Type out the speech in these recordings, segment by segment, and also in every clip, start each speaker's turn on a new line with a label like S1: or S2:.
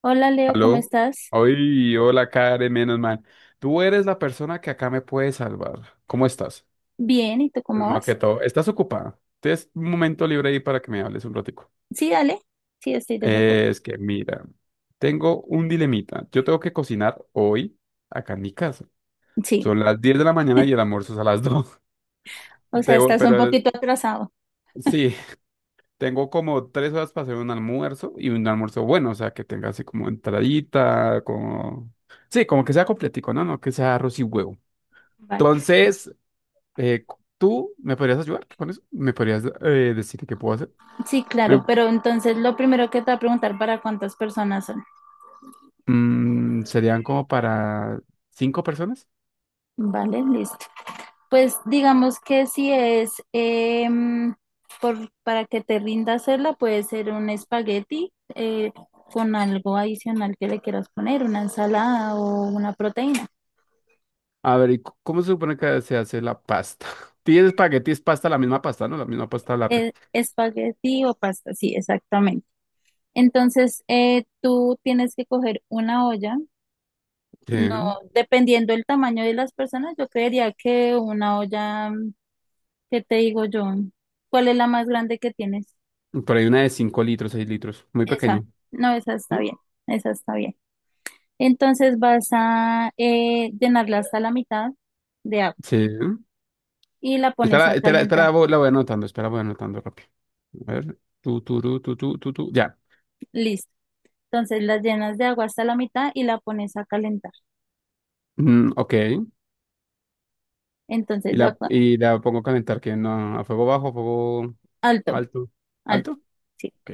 S1: Hola Leo, ¿cómo
S2: Aló,
S1: estás?
S2: hoy, hola Karen, menos mal. Tú eres la persona que acá me puede salvar. ¿Cómo estás?
S1: Bien, ¿y tú cómo
S2: Primero que
S1: vas?
S2: todo, ¿estás ocupada? Tienes un momento libre ahí para que me hables un ratico.
S1: Sí, dale. Sí, estoy desocupada.
S2: Es que mira, tengo un dilemita. Yo tengo que cocinar hoy acá en mi casa.
S1: Sí,
S2: Son las 10 de la mañana y el almuerzo es a las 2.
S1: o sea, estás un
S2: Pero
S1: poquito atrasado.
S2: sí, tengo como 3 horas para hacer un almuerzo y un almuerzo bueno, o sea, que tenga así como entradita, como... Sí, como que sea completico, ¿no? No que sea arroz y huevo.
S1: Vale.
S2: Entonces, eh, ¿tú me podrías ayudar con eso? ¿Me podrías decir qué puedo hacer?
S1: Sí,
S2: Me-
S1: claro, pero entonces lo primero que te voy a preguntar para cuántas personas son.
S2: serían como para 5 personas.
S1: Vale, listo. Pues digamos que si es por, para que te rinda hacerla, puede ser un espagueti con algo adicional que le quieras poner, una ensalada o una proteína.
S2: A ver, ¿y cómo se supone que se hace la pasta? Tienes espagueti, es pasta, la misma pasta, ¿no? La misma pasta larga.
S1: Espagueti o pasta, sí, exactamente. Entonces, tú tienes que coger una olla.
S2: Sí.
S1: No, dependiendo del tamaño de las personas, yo creería que una olla, ¿qué te digo yo? ¿Cuál es la más grande que tienes?
S2: Por ahí una de 5 litros, 6 litros, muy
S1: Esa.
S2: pequeña.
S1: No, esa está
S2: Sí.
S1: bien. Esa está bien. Entonces vas a llenarla hasta la mitad de agua
S2: Sí.
S1: y la pones a
S2: Espera, espera,
S1: calentar.
S2: espera, la voy anotando, espera, voy anotando rápido. A ver, tú, ya.
S1: Listo. Entonces la llenas de agua hasta la mitad y la pones a calentar.
S2: Mm, ok.
S1: Entonces
S2: Y
S1: ya,
S2: la, y la pongo a calentar, que no, a fuego bajo, a fuego
S1: alto,
S2: alto.
S1: alto.
S2: ¿Alto?
S1: Sí.
S2: Ok.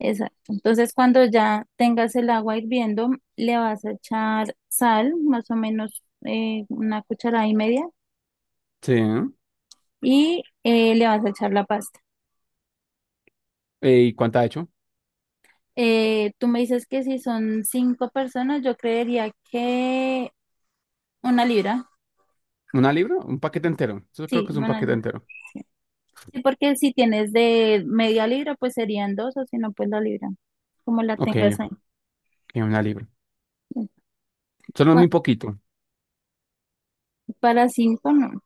S1: Exacto. Entonces, cuando ya tengas el agua hirviendo, le vas a echar sal, más o menos una cucharada y media,
S2: Sí. ¿No?
S1: y le vas a echar la pasta.
S2: ¿Y cuánta ha hecho?
S1: Tú me dices que si son 5 personas, yo creería que una libra.
S2: ¿Una libra? Un paquete entero. Eso creo
S1: Sí,
S2: que es un
S1: una
S2: paquete
S1: libra.
S2: entero.
S1: Sí, porque si tienes de media libra, pues serían dos, o si no, pues la libra, como la
S2: Ok,
S1: tengas ahí.
S2: ok, una libra. Solo
S1: Pa-
S2: muy poquito.
S1: Para cinco, no.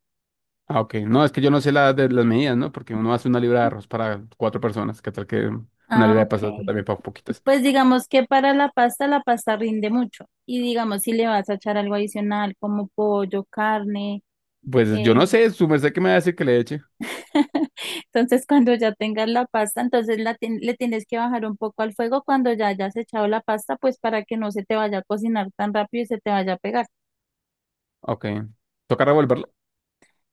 S2: Ah, ok. No, es que yo no sé las medidas, ¿no? Porque uno hace una libra de arroz para 4 personas. ¿Qué tal que una
S1: Ah,
S2: libra de
S1: ok.
S2: pastas también para poquitas?
S1: Pues digamos que para la pasta rinde mucho. Y digamos, si le vas a echar algo adicional como pollo, carne,
S2: Pues yo
S1: eh,
S2: no sé, su merced que me va a decir que le eche.
S1: entonces cuando ya tengas la pasta, entonces la le tienes que bajar un poco al fuego cuando ya hayas echado la pasta, pues para que no se te vaya a cocinar tan rápido y se te vaya a pegar.
S2: Ok. ¿Toca revolverlo?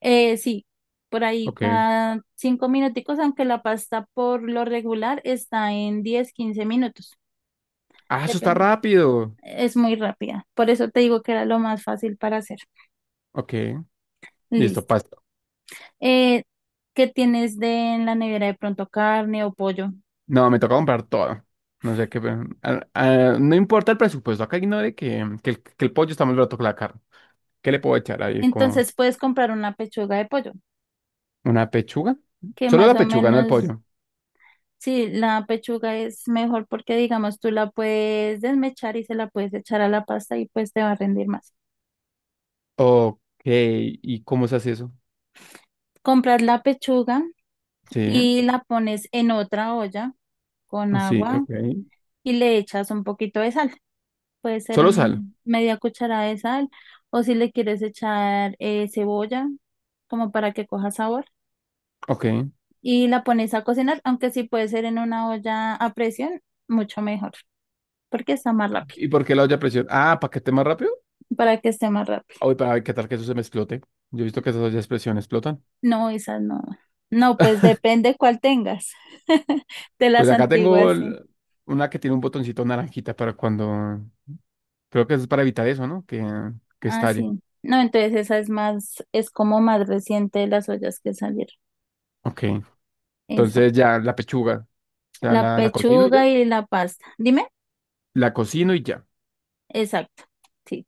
S1: Sí, por ahí
S2: Ok.
S1: cada 5 minuticos, aunque la pasta por lo regular está en 10 15 minutos,
S2: Ah, eso está
S1: depende.
S2: rápido.
S1: Es muy rápida. Por eso te digo que era lo más fácil para hacer.
S2: Ok. Listo,
S1: Listo.
S2: pasta.
S1: eh, que tienes de en la nevera de pronto carne o pollo.
S2: No, me toca comprar todo. No sé qué, pero, ah, ah, no importa el presupuesto. Acá ignore que el pollo está más barato que la carne. ¿Qué le puedo echar ahí? ¿Como
S1: Entonces puedes comprar una pechuga de pollo,
S2: una pechuga?
S1: que
S2: Solo
S1: más
S2: la
S1: o
S2: pechuga, no el
S1: menos,
S2: pollo.
S1: sí, la pechuga es mejor porque digamos tú la puedes desmechar y se la puedes echar a la pasta y pues te va a rendir más.
S2: Ok. ¿Y cómo se hace eso?
S1: Compras la pechuga
S2: Sí,
S1: y la pones en otra olla con
S2: sí,
S1: agua
S2: ok.
S1: y le echas un poquito de sal. Puede ser
S2: Solo sal.
S1: media cucharada de sal o si le quieres echar cebolla como para que coja sabor
S2: Ok.
S1: y la pones a cocinar, aunque sí puede ser en una olla a presión, mucho mejor, porque está más rápido,
S2: ¿Y por qué la olla a presión? Ah, ¿para que esté más rápido?
S1: para que esté más rápido.
S2: Uy, para ver qué tal que eso se me explote. Yo he visto que esas ollas a presión explotan.
S1: No, esas no. No, pues depende cuál tengas. De
S2: Pues
S1: las
S2: acá tengo
S1: antiguas, sí.
S2: una que tiene un botoncito naranjita para cuando... Creo que es para evitar eso, ¿no? Que
S1: Ah,
S2: estalle.
S1: sí. No, entonces esa es más, es como más reciente de las ollas que salieron.
S2: Ok. Entonces
S1: Exacto.
S2: ya la pechuga. O sea,
S1: La
S2: la cocino y ya.
S1: pechuga y la pasta. Dime.
S2: La cocino y ya.
S1: Exacto. Sí.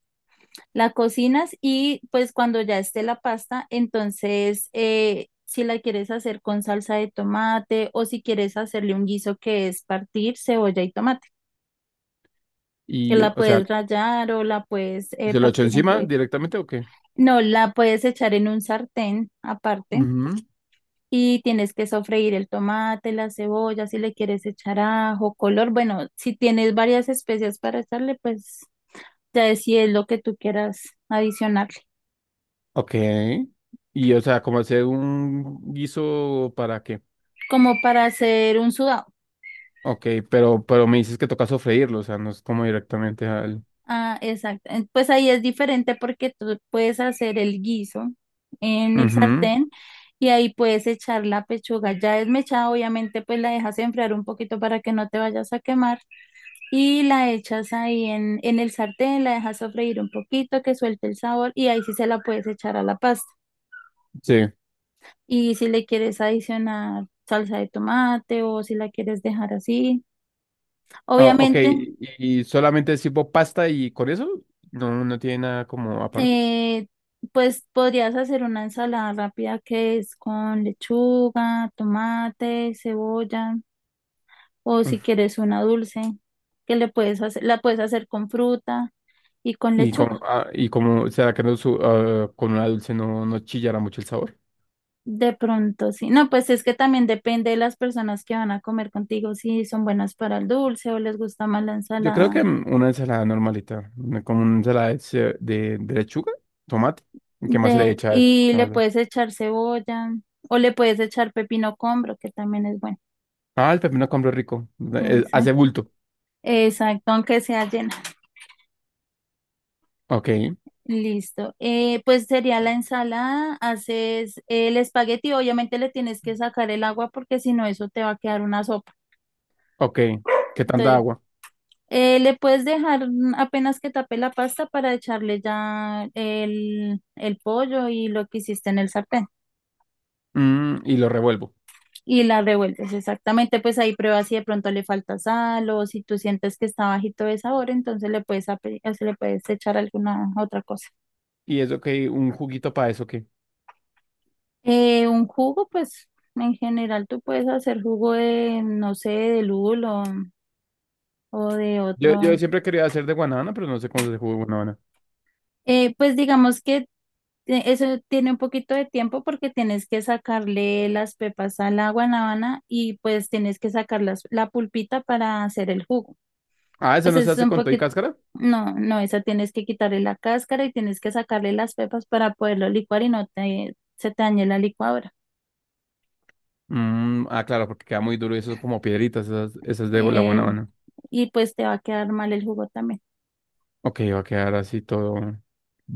S1: La cocinas y pues cuando ya esté la pasta, entonces si la quieres hacer con salsa de tomate o si quieres hacerle un guiso que es partir cebolla y tomate, que
S2: Y,
S1: la
S2: o sea,
S1: puedes rallar o la puedes
S2: ¿se lo echo
S1: partir en
S2: encima
S1: cubitos.
S2: directamente o qué?
S1: No, la puedes echar en un sartén aparte
S2: Ujú.
S1: y tienes que sofreír el tomate, la cebolla, si le quieres echar ajo, color. Bueno, si tienes varias especias para echarle, pues ya es si es lo que tú quieras adicionarle.
S2: Ok. Y, o sea, como hacer un guiso para qué.
S1: Como para hacer un sudado.
S2: Ok, pero me dices que toca sofreírlo, o sea, no es como directamente al...
S1: Ah, exacto. Pues ahí es diferente porque tú puedes hacer el guiso en el
S2: Ujú.
S1: sartén y ahí puedes echar la pechuga ya desmechada, obviamente pues la dejas enfriar un poquito para que no te vayas a quemar y la echas ahí en el sartén, la dejas sofreír un poquito que suelte el sabor y ahí sí se la puedes echar a la pasta.
S2: Sí.
S1: Y si le quieres adicionar salsa de tomate o si la quieres dejar así,
S2: Ah, ok,
S1: obviamente.
S2: y solamente es tipo pasta y con eso no, no tiene nada como aparte.
S1: eh, pues podrías hacer una ensalada rápida que es con lechuga, tomate, cebolla, o
S2: Mm.
S1: si quieres una dulce, que le puedes hacer, la puedes hacer con fruta y con
S2: Y
S1: lechuga.
S2: como, ah, y como será que no ah, con una dulce no, no chillará mucho el sabor.
S1: De pronto, sí. No, pues es que también depende de las personas que van a comer contigo, si son buenas para el dulce o les gusta más la
S2: Yo creo
S1: ensalada.
S2: que mm, una ensalada normalita, como una ensalada de lechuga, tomate. ¿Qué más se
S1: De,
S2: le echa a eso?
S1: y
S2: ¿Qué
S1: le
S2: más
S1: puedes echar cebolla o le puedes echar pepino combro, que también es bueno.
S2: ah, el pepino compro rico. Hace
S1: Exacto,
S2: bulto.
S1: exacto, aunque sea llena.
S2: Ok,
S1: Listo. Pues sería la ensalada, haces el espagueti, obviamente le tienes que sacar el agua porque si no eso te va a quedar una sopa.
S2: ok. ¿Qué tanta
S1: Entonces,
S2: agua?
S1: le puedes dejar apenas que tape la pasta para echarle ya el pollo y lo que hiciste en el sartén
S2: Mm, y lo revuelvo.
S1: y la revuelves exactamente, pues ahí pruebas si de pronto le falta sal o si tú sientes que está bajito de sabor, entonces le puedes, o se le puedes echar alguna otra cosa.
S2: ¿Y eso qué? ¿Un juguito para eso qué?
S1: Un jugo, pues en general tú puedes hacer jugo de, no sé, de lulo o de
S2: Yo,
S1: otro.
S2: yo siempre quería hacer de guanábana, pero no sé cómo se hace jugo de guanábana.
S1: Pues digamos que eso tiene un poquito de tiempo porque tienes que sacarle las pepas a la guanábana y pues tienes que sacar la pulpita para hacer el jugo.
S2: Ah, ¿eso
S1: Pues
S2: no
S1: eso
S2: se
S1: es
S2: hace
S1: un
S2: con todo y
S1: poquito,
S2: cáscara?
S1: no, esa tienes que quitarle la cáscara y tienes que sacarle las pepas para poderlo licuar y no te, se te dañe la licuadora.
S2: Mm, ah, claro, porque queda muy duro y eso es como piedritas, esas, esas de la buena
S1: Eh,
S2: mano.
S1: y pues te va a quedar mal el jugo también.
S2: Ok, va a quedar así todo.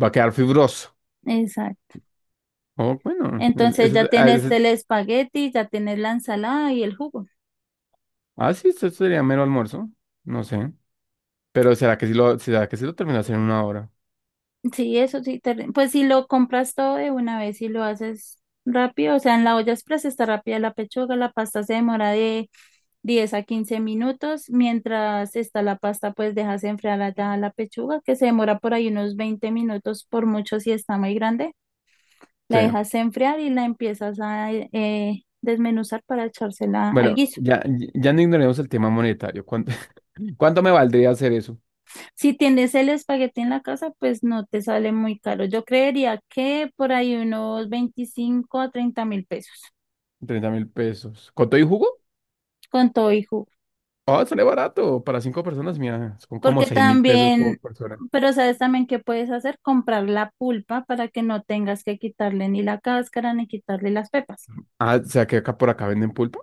S2: Va a quedar fibroso.
S1: Exacto.
S2: Oh, bueno,
S1: Entonces ya tienes el espagueti, ya tienes la ensalada y el jugo.
S2: sí, esto sería mero almuerzo. No sé. Pero será que sí lo terminas en una hora.
S1: Sí, eso sí, pues si lo compras todo de una vez y lo haces rápido, o sea, en la olla express está rápida la pechuga, la pasta se demora de 10 a 15 minutos, mientras está la pasta, pues dejas enfriar allá la pechuga, que se demora por ahí unos 20 minutos, por mucho si está muy grande, la
S2: Sí.
S1: dejas enfriar y la empiezas a desmenuzar para echársela al
S2: Bueno,
S1: guiso.
S2: ya, ya no ignoremos el tema monetario. ¿Cuánto, cuánto me valdría hacer eso?
S1: Si tienes el espagueti en la casa, pues no te sale muy caro. Yo creería que por ahí unos 25.000 a 30.000 pesos
S2: 30.000 pesos. ¿Con todo y jugo?
S1: con todo y jugo.
S2: Oh, sale barato. Para cinco personas, mira, son como
S1: Porque
S2: 6.000 pesos por
S1: también,
S2: persona.
S1: pero sabes también qué puedes hacer, comprar la pulpa para que no tengas que quitarle ni la cáscara ni quitarle las pepas.
S2: Ah, o sea que acá por acá venden pulpa.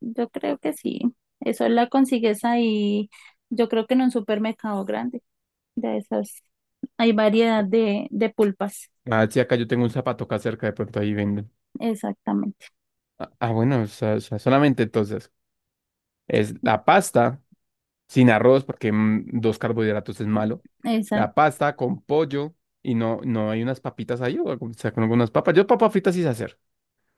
S1: Yo creo que sí. Eso la consigues ahí, yo creo que en un supermercado grande de esas. Hay variedad de pulpas.
S2: Ah, sí, acá yo tengo un zapato acá cerca, de pronto ahí venden.
S1: Exactamente.
S2: Ah, ah, bueno, o sea, solamente entonces es la pasta sin arroz, porque mm, dos carbohidratos es malo. La
S1: Exacto.
S2: pasta con pollo y no, no hay unas papitas ahí, o, algo, o sea, con algunas papas. Yo papas fritas sí sé hacer.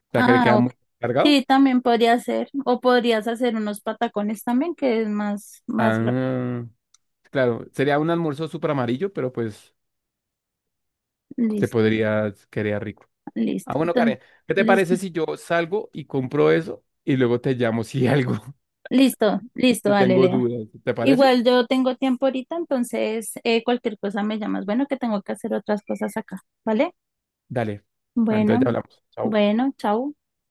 S2: O sea, que le queda
S1: Ah,
S2: muy cargado.
S1: sí, también podría ser. O podrías hacer unos patacones también, que es más, más rápido.
S2: Ah, claro, sería un almuerzo súper amarillo, pero pues se
S1: Listo,
S2: podría, quedar rico. Ah,
S1: listo.
S2: bueno,
S1: Entonces,
S2: Karen, ¿qué te
S1: listo,
S2: parece si yo salgo y compro eso y luego te llamo si algo?
S1: listo, listo,
S2: Si
S1: dale,
S2: tengo
S1: Leo.
S2: dudas. ¿Te parece?
S1: Igual yo tengo tiempo ahorita, entonces cualquier cosa me llamas. Bueno, que tengo que hacer otras cosas acá, ¿vale?
S2: Dale. Entonces
S1: Bueno,
S2: ya hablamos. Chao.
S1: bueno, chao.